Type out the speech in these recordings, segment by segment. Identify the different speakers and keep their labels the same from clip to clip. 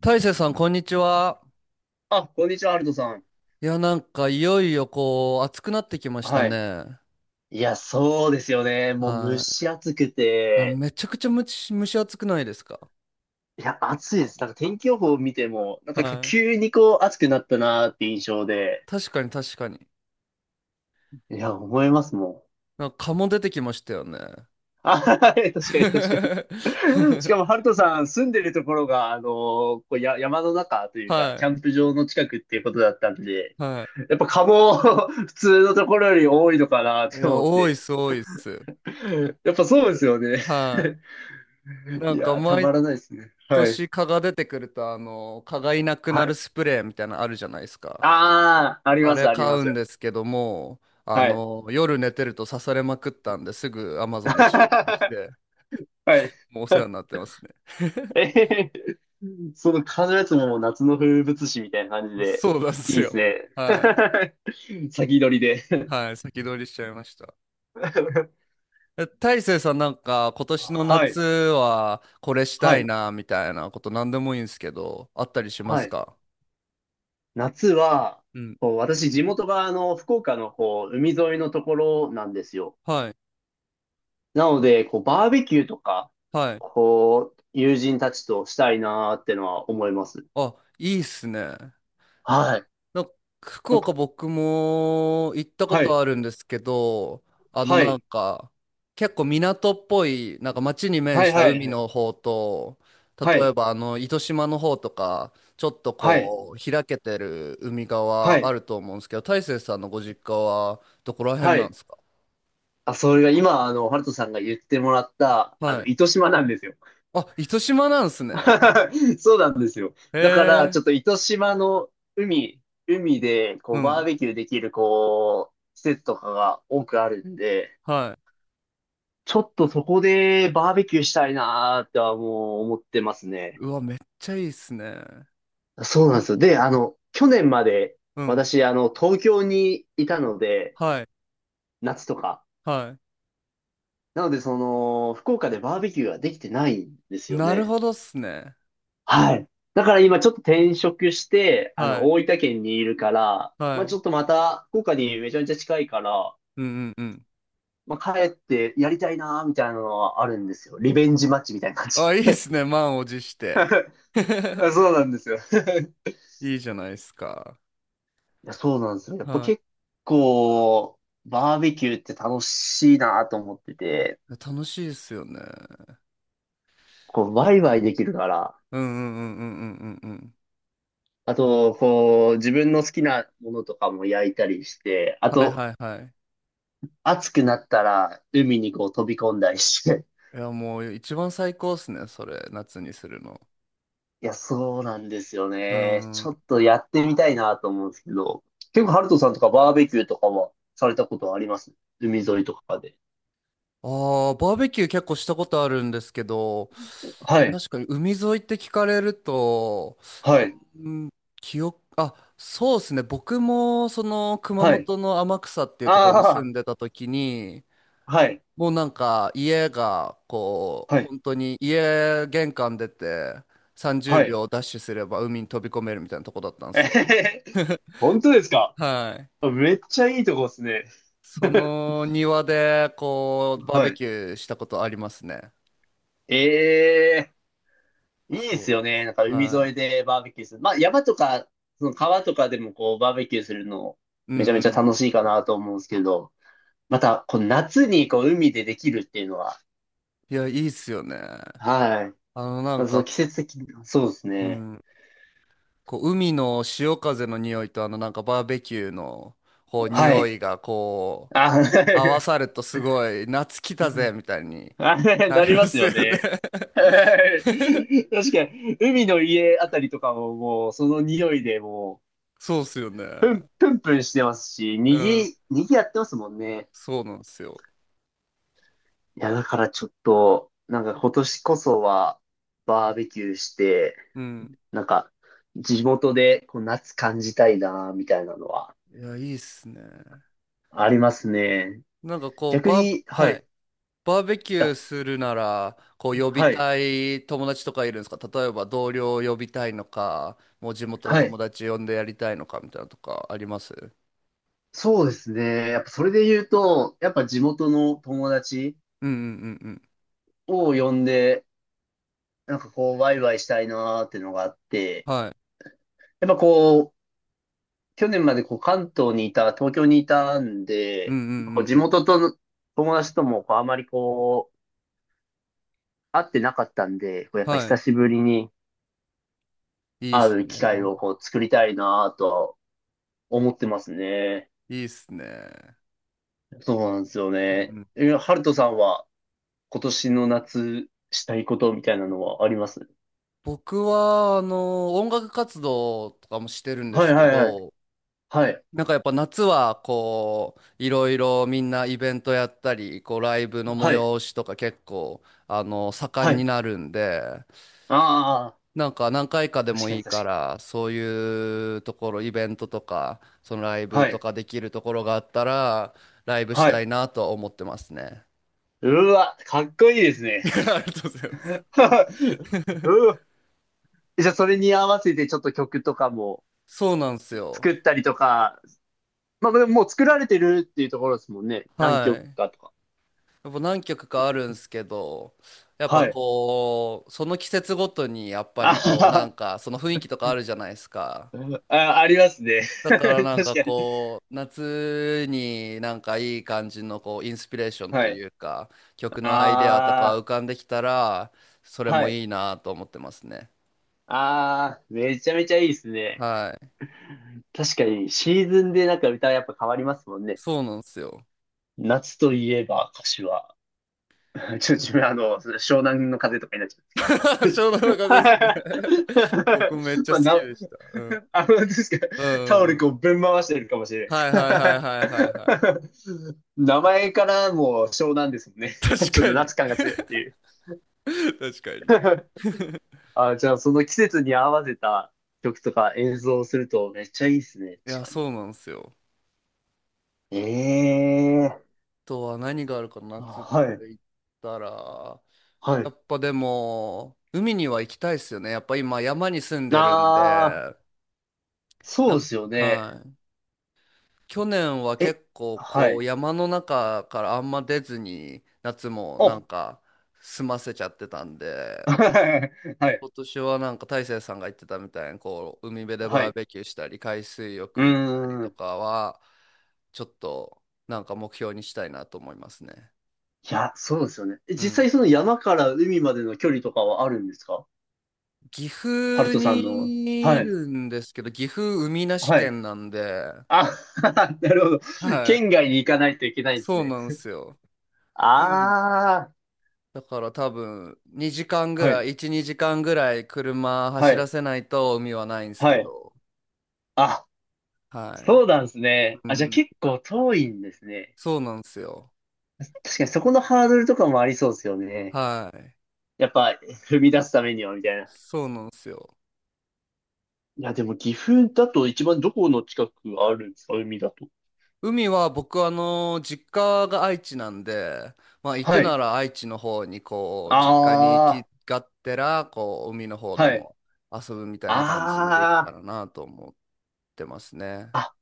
Speaker 1: 大成さん、こんにちは。
Speaker 2: あ、こんにちは、アルトさん。
Speaker 1: いや、なんか、いよいよ、こう、暑くなってきました
Speaker 2: はい。
Speaker 1: ね。
Speaker 2: いや、そうですよね。もう蒸
Speaker 1: は
Speaker 2: し暑く
Speaker 1: い。いや、
Speaker 2: て、
Speaker 1: めちゃくちゃむち蒸し暑くないですか？
Speaker 2: いや、暑いです。なんか天気予報を見ても、なん
Speaker 1: は
Speaker 2: か
Speaker 1: い。
Speaker 2: 急にこう暑くなったなーって印象で、
Speaker 1: 確かに、確かに。
Speaker 2: いや、思いますもん。
Speaker 1: なんか、蚊も出てきましたよね。
Speaker 2: あ、はい、確かに、確かに。しか も、ハルトさん住んでるところが、こうや、山の中というか、
Speaker 1: は
Speaker 2: キ
Speaker 1: い。
Speaker 2: ャンプ場の近くっていうことだったんで、
Speaker 1: は
Speaker 2: やっぱ蚊も 普通のところより多いのかなっ
Speaker 1: い。い
Speaker 2: て
Speaker 1: や、
Speaker 2: 思っ
Speaker 1: 多いっ
Speaker 2: て。
Speaker 1: す、多いっす。
Speaker 2: やっぱそうですよね。
Speaker 1: はい。な
Speaker 2: い
Speaker 1: んか、
Speaker 2: や、た
Speaker 1: 毎
Speaker 2: まらないですね。はい。
Speaker 1: 年蚊が出てくると、あの、蚊がいなく
Speaker 2: は
Speaker 1: な
Speaker 2: い。
Speaker 1: るスプレーみたいなのあるじゃないですか。
Speaker 2: ああ、あり
Speaker 1: あ
Speaker 2: ます、
Speaker 1: れ
Speaker 2: ありま
Speaker 1: 買うん
Speaker 2: す。
Speaker 1: ですけども、あ
Speaker 2: はい。
Speaker 1: の、夜寝てると刺されまくったんですぐ Amazon で注文し
Speaker 2: は
Speaker 1: て、
Speaker 2: い。
Speaker 1: もうお世話になっ てますね。
Speaker 2: えへへ、その風のやつももう夏の風物詩みたいな感じで、
Speaker 1: そうなんです
Speaker 2: いいです
Speaker 1: よ。
Speaker 2: ね。
Speaker 1: はい。
Speaker 2: 先取りで。
Speaker 1: はい。先取りしちゃいました。え、大成さんなんか今年の
Speaker 2: は
Speaker 1: 夏
Speaker 2: い、
Speaker 1: はこれし
Speaker 2: は
Speaker 1: たい
Speaker 2: い、
Speaker 1: なみたいなこと何でもいいんですけど、あったりしま
Speaker 2: は
Speaker 1: す
Speaker 2: い。
Speaker 1: か？
Speaker 2: 夏は、
Speaker 1: うん。
Speaker 2: こう私、地元があの福岡のこう海沿いのところなんですよ。
Speaker 1: はい。
Speaker 2: なので、こうバーベキューとか、
Speaker 1: はい。
Speaker 2: こう、友人たちとしたいなーってのは思います。
Speaker 1: あ、いいっすね。
Speaker 2: はい。
Speaker 1: なんか福
Speaker 2: なん
Speaker 1: 岡
Speaker 2: か、
Speaker 1: 僕も行ったこ
Speaker 2: は
Speaker 1: と
Speaker 2: い、
Speaker 1: あるんですけど、あの
Speaker 2: は
Speaker 1: なん
Speaker 2: い。
Speaker 1: か結構港っぽい、なんか街に面
Speaker 2: は
Speaker 1: し
Speaker 2: い、
Speaker 1: た
Speaker 2: はい、
Speaker 1: 海
Speaker 2: はい。
Speaker 1: の方と、
Speaker 2: は
Speaker 1: 例え
Speaker 2: い。
Speaker 1: ばあの糸島の方とか、ちょっと
Speaker 2: はい。
Speaker 1: こう開けてる海
Speaker 2: は
Speaker 1: 側あ
Speaker 2: い。
Speaker 1: ると思うんですけど、大成さんのご実家はどこら辺
Speaker 2: は
Speaker 1: なん
Speaker 2: い。
Speaker 1: ですか？
Speaker 2: あ、それが今、あの、ハルトさんが言ってもらった、あ
Speaker 1: は
Speaker 2: の、
Speaker 1: い。
Speaker 2: 糸島なんですよ。
Speaker 1: あ、糸島なんですね。
Speaker 2: そうなんですよ。だから、
Speaker 1: へ
Speaker 2: ちょっ
Speaker 1: え。
Speaker 2: と糸島の海、海で、
Speaker 1: う
Speaker 2: こう、バー
Speaker 1: ん。
Speaker 2: ベキューできる、こう、施設とかが多くあるんで、
Speaker 1: はい。
Speaker 2: ちょっとそこでバーベキューしたいなーってはもう思ってますね。
Speaker 1: うわ、めっちゃいいっすね。
Speaker 2: そうなんですよ。で、あの、去年まで、
Speaker 1: うん。
Speaker 2: 私、あの、東京にいたので、
Speaker 1: はい。
Speaker 2: 夏とか。
Speaker 1: は
Speaker 2: なので、その、福岡でバーベキューができてないんです
Speaker 1: い。
Speaker 2: よ
Speaker 1: なる
Speaker 2: ね。
Speaker 1: ほどっすね。
Speaker 2: はい。い。だから今ちょっと転職して、あの、
Speaker 1: はい。
Speaker 2: 大分県にいるから、
Speaker 1: は
Speaker 2: まあちょ
Speaker 1: い。
Speaker 2: っとまた、福岡にめちゃめちゃ近いから、
Speaker 1: うんうんうん。
Speaker 2: まあ帰ってやりたいなーみたいなのはあるんですよ。リベンジマッチみたいな感じ。
Speaker 1: あ、いいっすね。満を持して。
Speaker 2: あ、そうなんですよ。
Speaker 1: いいじゃないですか。
Speaker 2: いや、そうなんですよ。やっぱ
Speaker 1: は
Speaker 2: 結構、バーベキューって楽しいなと思ってて、
Speaker 1: い。楽しいですよね。
Speaker 2: こう、ワイワイできるから、
Speaker 1: うんうんうんうんうんうんうん。
Speaker 2: あと、こう、自分の好きなものとかも焼いたりして、あ
Speaker 1: はい
Speaker 2: と、
Speaker 1: はいはい。
Speaker 2: 暑くなったら海にこう飛び込んだりして。
Speaker 1: いや、もう一番最高っすね。それ、夏にするの。
Speaker 2: いや、そうなんですよ
Speaker 1: う
Speaker 2: ね。ち
Speaker 1: ん。
Speaker 2: ょっとやってみたいなと思うんですけど、結構ハルトさんとかバーベキューとかはされたことはあります？海沿いとかで。
Speaker 1: ああ、バーベキュー結構したことあるんですけど、
Speaker 2: はい、
Speaker 1: 確かに海沿いって聞かれると、
Speaker 2: はい、
Speaker 1: うん、あ、そうですね。僕もその熊
Speaker 2: はい。
Speaker 1: 本の天草っていうところに住
Speaker 2: あ
Speaker 1: んでた時に、
Speaker 2: あ、はい、
Speaker 1: もうなんか家がこう
Speaker 2: はい、
Speaker 1: 本当に家玄関出て30
Speaker 2: はい。
Speaker 1: 秒ダッシュすれば海に飛び込めるみたいなとこだったん で
Speaker 2: え
Speaker 1: す
Speaker 2: へ
Speaker 1: よ。
Speaker 2: へへ。本当ですか？
Speaker 1: はい。
Speaker 2: めっちゃいいとこですね。
Speaker 1: その庭でこうバー
Speaker 2: は
Speaker 1: ベ
Speaker 2: い。
Speaker 1: キューしたことありますね。
Speaker 2: ええ、いいで
Speaker 1: そ
Speaker 2: す
Speaker 1: うな
Speaker 2: よ
Speaker 1: んで
Speaker 2: ね。
Speaker 1: す。
Speaker 2: なんか海
Speaker 1: は
Speaker 2: 沿い
Speaker 1: い。
Speaker 2: でバーベキューする。まあ山とか、その川とかでもこうバーベキューするの
Speaker 1: うんう
Speaker 2: めちゃ
Speaker 1: ん
Speaker 2: め
Speaker 1: う
Speaker 2: ちゃ楽
Speaker 1: ん。
Speaker 2: しいかなと思うんですけど、またこう夏にこう海でできるっていうのは、
Speaker 1: いや、いいっすよね。
Speaker 2: はい。
Speaker 1: あのな
Speaker 2: ま
Speaker 1: ん
Speaker 2: あ、その
Speaker 1: か、
Speaker 2: 季節的な、そうです
Speaker 1: う
Speaker 2: ね。
Speaker 1: ん、こう海の潮風の匂いとあのなんかバーベキューのこう
Speaker 2: は
Speaker 1: 匂
Speaker 2: い。
Speaker 1: いが
Speaker 2: あ、は
Speaker 1: 合わ
Speaker 2: い。
Speaker 1: さるとすごい、夏来たぜみたいに
Speaker 2: あ、
Speaker 1: な
Speaker 2: な
Speaker 1: り
Speaker 2: り
Speaker 1: ま
Speaker 2: ます
Speaker 1: すよ
Speaker 2: よ
Speaker 1: ね？
Speaker 2: ね。は い。確かに、海の家あたりとかももうその匂いでもう、
Speaker 1: そうっすよね。
Speaker 2: プンプンしてますし、に
Speaker 1: うん。
Speaker 2: ぎ、にぎやってますもんね。
Speaker 1: そうなんですよ。
Speaker 2: いや、だからちょっと、なんか今年こそは、バーベキューして、
Speaker 1: うん。
Speaker 2: なんか、地元でこう夏感じたいな、みたいなのは、
Speaker 1: いや、いいっすね。
Speaker 2: ありますね。
Speaker 1: なんかこう、
Speaker 2: 逆に、は
Speaker 1: は
Speaker 2: い、
Speaker 1: い。バーベキュ
Speaker 2: あ、
Speaker 1: ーするなら、こう、呼び
Speaker 2: はい、
Speaker 1: たい友達とかいるんですか？例えば同僚を呼びたいのか、もう地元の
Speaker 2: はい。
Speaker 1: 友達呼んでやりたいのかみたいなのとかあります？
Speaker 2: そうですね。やっぱそれで言うと、やっぱ地元の友達
Speaker 1: うんうんうんうん。
Speaker 2: を呼んで、なんかこう、ワイワイしたいなーってのがあって、
Speaker 1: はい。
Speaker 2: やっぱこう、去年までこう関東にいた、東京にいたん
Speaker 1: うん
Speaker 2: で、
Speaker 1: う
Speaker 2: やっぱこう
Speaker 1: ん
Speaker 2: 地
Speaker 1: うんうん。
Speaker 2: 元との友達ともこうあまりこう、会ってなかったんで、こうやっぱ
Speaker 1: は
Speaker 2: 久しぶりに
Speaker 1: い。いいっ
Speaker 2: 会
Speaker 1: す
Speaker 2: う機会
Speaker 1: ね。
Speaker 2: をこう作りたいなぁと思ってますね。
Speaker 1: いいっすね。
Speaker 2: そうなんですよ
Speaker 1: う
Speaker 2: ね。
Speaker 1: んうん。
Speaker 2: え、ハルトさんは今年の夏したいことみたいなのはあります？
Speaker 1: 僕は、あの、音楽活動とかもしてるんで
Speaker 2: はい、
Speaker 1: す
Speaker 2: は
Speaker 1: け
Speaker 2: い、はい。
Speaker 1: ど、
Speaker 2: はい。
Speaker 1: なんかやっぱ夏は、こう、いろいろみんなイベントやったり、こう、ライブの
Speaker 2: はい。
Speaker 1: 催しとか結構、あの、盛
Speaker 2: は
Speaker 1: ん
Speaker 2: い。
Speaker 1: になるんで、
Speaker 2: ああ、
Speaker 1: なんか何回かで
Speaker 2: 確
Speaker 1: も
Speaker 2: か
Speaker 1: い
Speaker 2: に、
Speaker 1: い
Speaker 2: 確
Speaker 1: から、そういうところ、イベントとか、そのライ
Speaker 2: か
Speaker 1: ブ
Speaker 2: に。は
Speaker 1: と
Speaker 2: い。
Speaker 1: かできるところがあったら、ライブし
Speaker 2: は
Speaker 1: たい
Speaker 2: い。
Speaker 1: なとは思ってますね。
Speaker 2: うわ、かっこいいです ね。
Speaker 1: ありがとうございます。
Speaker 2: うわ、じゃあそれに合わせてちょっと曲とかも
Speaker 1: そうなんですよ。
Speaker 2: 作ったりとか、まあ、でももう作られてるっていうところですもんね。何
Speaker 1: は
Speaker 2: 曲
Speaker 1: い。
Speaker 2: かとか。
Speaker 1: やっぱ何曲かあるんすけど、やっぱ
Speaker 2: はい。
Speaker 1: こう、その季節ごとにやっぱ
Speaker 2: あ
Speaker 1: りこう、なん
Speaker 2: は、
Speaker 1: かその雰囲気とかあるじゃないですか。
Speaker 2: はあ、ありますね。
Speaker 1: だから
Speaker 2: 確
Speaker 1: なん
Speaker 2: か
Speaker 1: か
Speaker 2: に。
Speaker 1: こう、夏になんかいい感じのこう、インスピレーションと
Speaker 2: はい。
Speaker 1: いうか、曲のアイデアとか
Speaker 2: あ
Speaker 1: 浮かんできたら、それ
Speaker 2: あ、は
Speaker 1: も
Speaker 2: い。
Speaker 1: いいなと思ってますね。
Speaker 2: ああ、めちゃめちゃいいですね。
Speaker 1: はい。
Speaker 2: 確かに、シーズンでなんか歌やっぱ変わりますもんね。
Speaker 1: そうなんですよ。
Speaker 2: 夏といえば歌詞は。ちょっと自分、あの、湘南の風とかになっちゃうん です
Speaker 1: 湘南
Speaker 2: け
Speaker 1: 乃
Speaker 2: ど。
Speaker 1: 風ですね。僕めっ ちゃ
Speaker 2: ま
Speaker 1: 好
Speaker 2: あ、
Speaker 1: き
Speaker 2: な、
Speaker 1: でした。うん。
Speaker 2: あの、ですか、
Speaker 1: う
Speaker 2: タ
Speaker 1: ん
Speaker 2: オ
Speaker 1: うんう
Speaker 2: ル
Speaker 1: ん。
Speaker 2: こうぶん回してるかもしれ
Speaker 1: はい
Speaker 2: ない
Speaker 1: はいは
Speaker 2: で
Speaker 1: いはいは
Speaker 2: す。
Speaker 1: いはい。
Speaker 2: 名前からもう湘南ですもんね。ち
Speaker 1: 確
Speaker 2: ょっと
Speaker 1: かに。
Speaker 2: 夏感が強いっていう。
Speaker 1: 確かに。
Speaker 2: あ、じゃあその季節に合わせた曲とか演奏をするとめっちゃいいですね、
Speaker 1: いや、
Speaker 2: 確かに。
Speaker 1: そうなんですよ。
Speaker 2: え
Speaker 1: あ
Speaker 2: え
Speaker 1: とは何があるかな、
Speaker 2: ー、
Speaker 1: 夏って
Speaker 2: はい、
Speaker 1: 言ったら、
Speaker 2: はい。
Speaker 1: やっぱでも、海には行きたいですよね。やっぱ今、山に住んでるんで、
Speaker 2: ああ、そ
Speaker 1: な
Speaker 2: うで
Speaker 1: ん
Speaker 2: すよ
Speaker 1: か、
Speaker 2: ね。
Speaker 1: はい。去年は
Speaker 2: え、
Speaker 1: 結構、
Speaker 2: は
Speaker 1: こう、
Speaker 2: い。
Speaker 1: 山の中からあんま出ずに、夏もな
Speaker 2: あ、
Speaker 1: んか、済ませちゃってたんで、
Speaker 2: はい。はい。
Speaker 1: 今年はなんか、大成さんが言ってたみたいに、こう、海辺で
Speaker 2: は
Speaker 1: バー
Speaker 2: い。
Speaker 1: ベキューしたり、海水
Speaker 2: う
Speaker 1: 浴行ったり
Speaker 2: ー
Speaker 1: と
Speaker 2: ん。
Speaker 1: かは、ちょっと、なんか目標にしたいなと思いますね。
Speaker 2: いや、そうですよね。え、
Speaker 1: う
Speaker 2: 実
Speaker 1: ん。
Speaker 2: 際その山から海までの距離とかはあるんですか？
Speaker 1: 岐
Speaker 2: ハル
Speaker 1: 阜
Speaker 2: トさんの。
Speaker 1: にい
Speaker 2: はい。
Speaker 1: るんですけど、岐阜海なし
Speaker 2: はい。
Speaker 1: 県なんで、
Speaker 2: あ、なるほど。
Speaker 1: はい。
Speaker 2: 県外に行かないといけないんです
Speaker 1: そう
Speaker 2: ね。
Speaker 1: なんですよ。でも
Speaker 2: ああ。
Speaker 1: だから多分、2時間ぐ
Speaker 2: は
Speaker 1: ら
Speaker 2: い。
Speaker 1: い、1、2時間ぐらい車
Speaker 2: は
Speaker 1: 走ら
Speaker 2: い。
Speaker 1: せないと海はないんです
Speaker 2: は
Speaker 1: け
Speaker 2: い。
Speaker 1: ど、
Speaker 2: あ、
Speaker 1: は
Speaker 2: そ
Speaker 1: い。
Speaker 2: うなんですね。
Speaker 1: う
Speaker 2: あ、じゃあ
Speaker 1: ん。
Speaker 2: 結構遠いんですね。
Speaker 1: そうなんですよ。
Speaker 2: 確かにそこのハードルとかもありそうですよね。
Speaker 1: はい。
Speaker 2: やっぱ踏み出すためにはみたいな。
Speaker 1: そうなんですよ。
Speaker 2: いや、でも岐阜だと一番どこの近くあるんですか？海だと。
Speaker 1: 海は僕あの実家が愛知なんで、まあ行く
Speaker 2: は
Speaker 1: な
Speaker 2: い。
Speaker 1: ら愛知の方にこう実家に行
Speaker 2: あ
Speaker 1: き
Speaker 2: あ、
Speaker 1: がってらこう海の方で
Speaker 2: はい。
Speaker 1: も遊ぶみたいな感じにできた
Speaker 2: あ
Speaker 1: らなと思ってますね。
Speaker 2: あ、あ、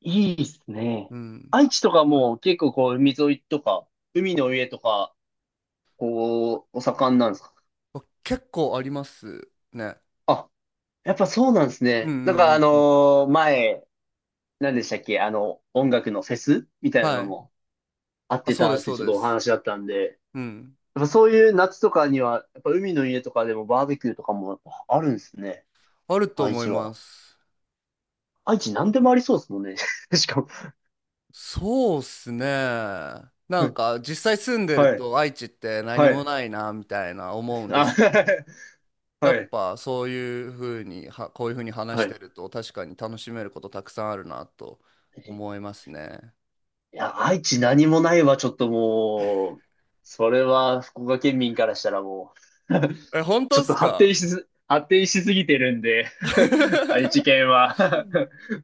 Speaker 2: いいっすね。
Speaker 1: うん。
Speaker 2: 愛知とかもう結構こう海沿いとか、海の上とか、こう、お盛んなんですか？
Speaker 1: あ結構ありますね。
Speaker 2: あ、やっぱそうなんです
Speaker 1: うんう
Speaker 2: ね。なんかあ
Speaker 1: んうんうん。
Speaker 2: のー前、何でしたっけ、あの、音楽のフェスみたいな
Speaker 1: は
Speaker 2: の
Speaker 1: い。
Speaker 2: もあっ
Speaker 1: あ、
Speaker 2: て
Speaker 1: そうで
Speaker 2: たっ
Speaker 1: す
Speaker 2: て
Speaker 1: そう
Speaker 2: ちょっ
Speaker 1: で
Speaker 2: とお
Speaker 1: す。
Speaker 2: 話だったんで、
Speaker 1: うん。
Speaker 2: やっぱそういう夏とかには、やっぱ海の家とかでもバーベキューとかもやっぱあるんですね。
Speaker 1: あると
Speaker 2: 愛
Speaker 1: 思い
Speaker 2: 知
Speaker 1: ま
Speaker 2: は。
Speaker 1: す。
Speaker 2: 愛知何でもありそうですもんね。しかも。
Speaker 1: そうっすね。なんか実際住んでる
Speaker 2: はい。
Speaker 1: と愛知って何
Speaker 2: は
Speaker 1: も
Speaker 2: い。
Speaker 1: ないなみたいな思うんで
Speaker 2: あ、
Speaker 1: すけど。や
Speaker 2: は
Speaker 1: っ
Speaker 2: い。
Speaker 1: ぱそういうふうにはこういうふうに話
Speaker 2: は
Speaker 1: して
Speaker 2: い。
Speaker 1: ると確かに楽しめることたくさんあるなと思いますね。
Speaker 2: いや、愛知何もないわ、ちょっともう、それは福岡県民からしたらもう、
Speaker 1: え、本
Speaker 2: ち
Speaker 1: 当
Speaker 2: ょ
Speaker 1: っ
Speaker 2: っと
Speaker 1: す
Speaker 2: 発展
Speaker 1: か？
Speaker 2: しす、発展しすぎてるんで 愛知 県は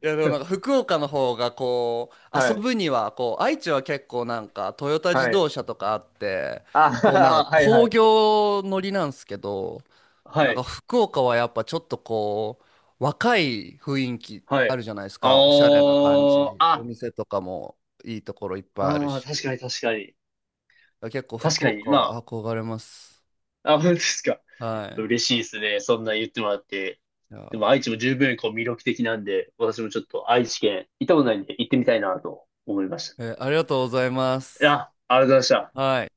Speaker 1: いやでもなんか 福岡の方がこう
Speaker 2: は
Speaker 1: 遊
Speaker 2: い。
Speaker 1: ぶにはこう愛知は結構なんかトヨタ自
Speaker 2: は
Speaker 1: 動
Speaker 2: い。
Speaker 1: 車とかあって
Speaker 2: あ、
Speaker 1: こうなんか
Speaker 2: はい、は
Speaker 1: 工
Speaker 2: い。
Speaker 1: 業乗りなんですけど
Speaker 2: は
Speaker 1: なんか
Speaker 2: い、
Speaker 1: 福岡はやっぱちょっとこう若い雰囲気
Speaker 2: は
Speaker 1: あ
Speaker 2: い。
Speaker 1: るじゃないです
Speaker 2: あ
Speaker 1: かおしゃれな感
Speaker 2: ー、
Speaker 1: じお
Speaker 2: あ、
Speaker 1: 店とかもいいところいっぱいある
Speaker 2: あー、確
Speaker 1: し。
Speaker 2: かに、確かに。
Speaker 1: 結構
Speaker 2: 確
Speaker 1: 福
Speaker 2: かに。
Speaker 1: 岡
Speaker 2: ま
Speaker 1: は
Speaker 2: あ、
Speaker 1: 憧れます。
Speaker 2: あ、本当ですか。
Speaker 1: はい。
Speaker 2: 嬉しいですね。そんな言ってもらって。
Speaker 1: いや
Speaker 2: で
Speaker 1: ー、
Speaker 2: も愛知も十分こう魅力的なんで、私もちょっと愛知県行ったことないんで行ってみたいなと思いまし
Speaker 1: ありがとうございま
Speaker 2: た。い
Speaker 1: す。
Speaker 2: や、ありがとうございました。
Speaker 1: はい。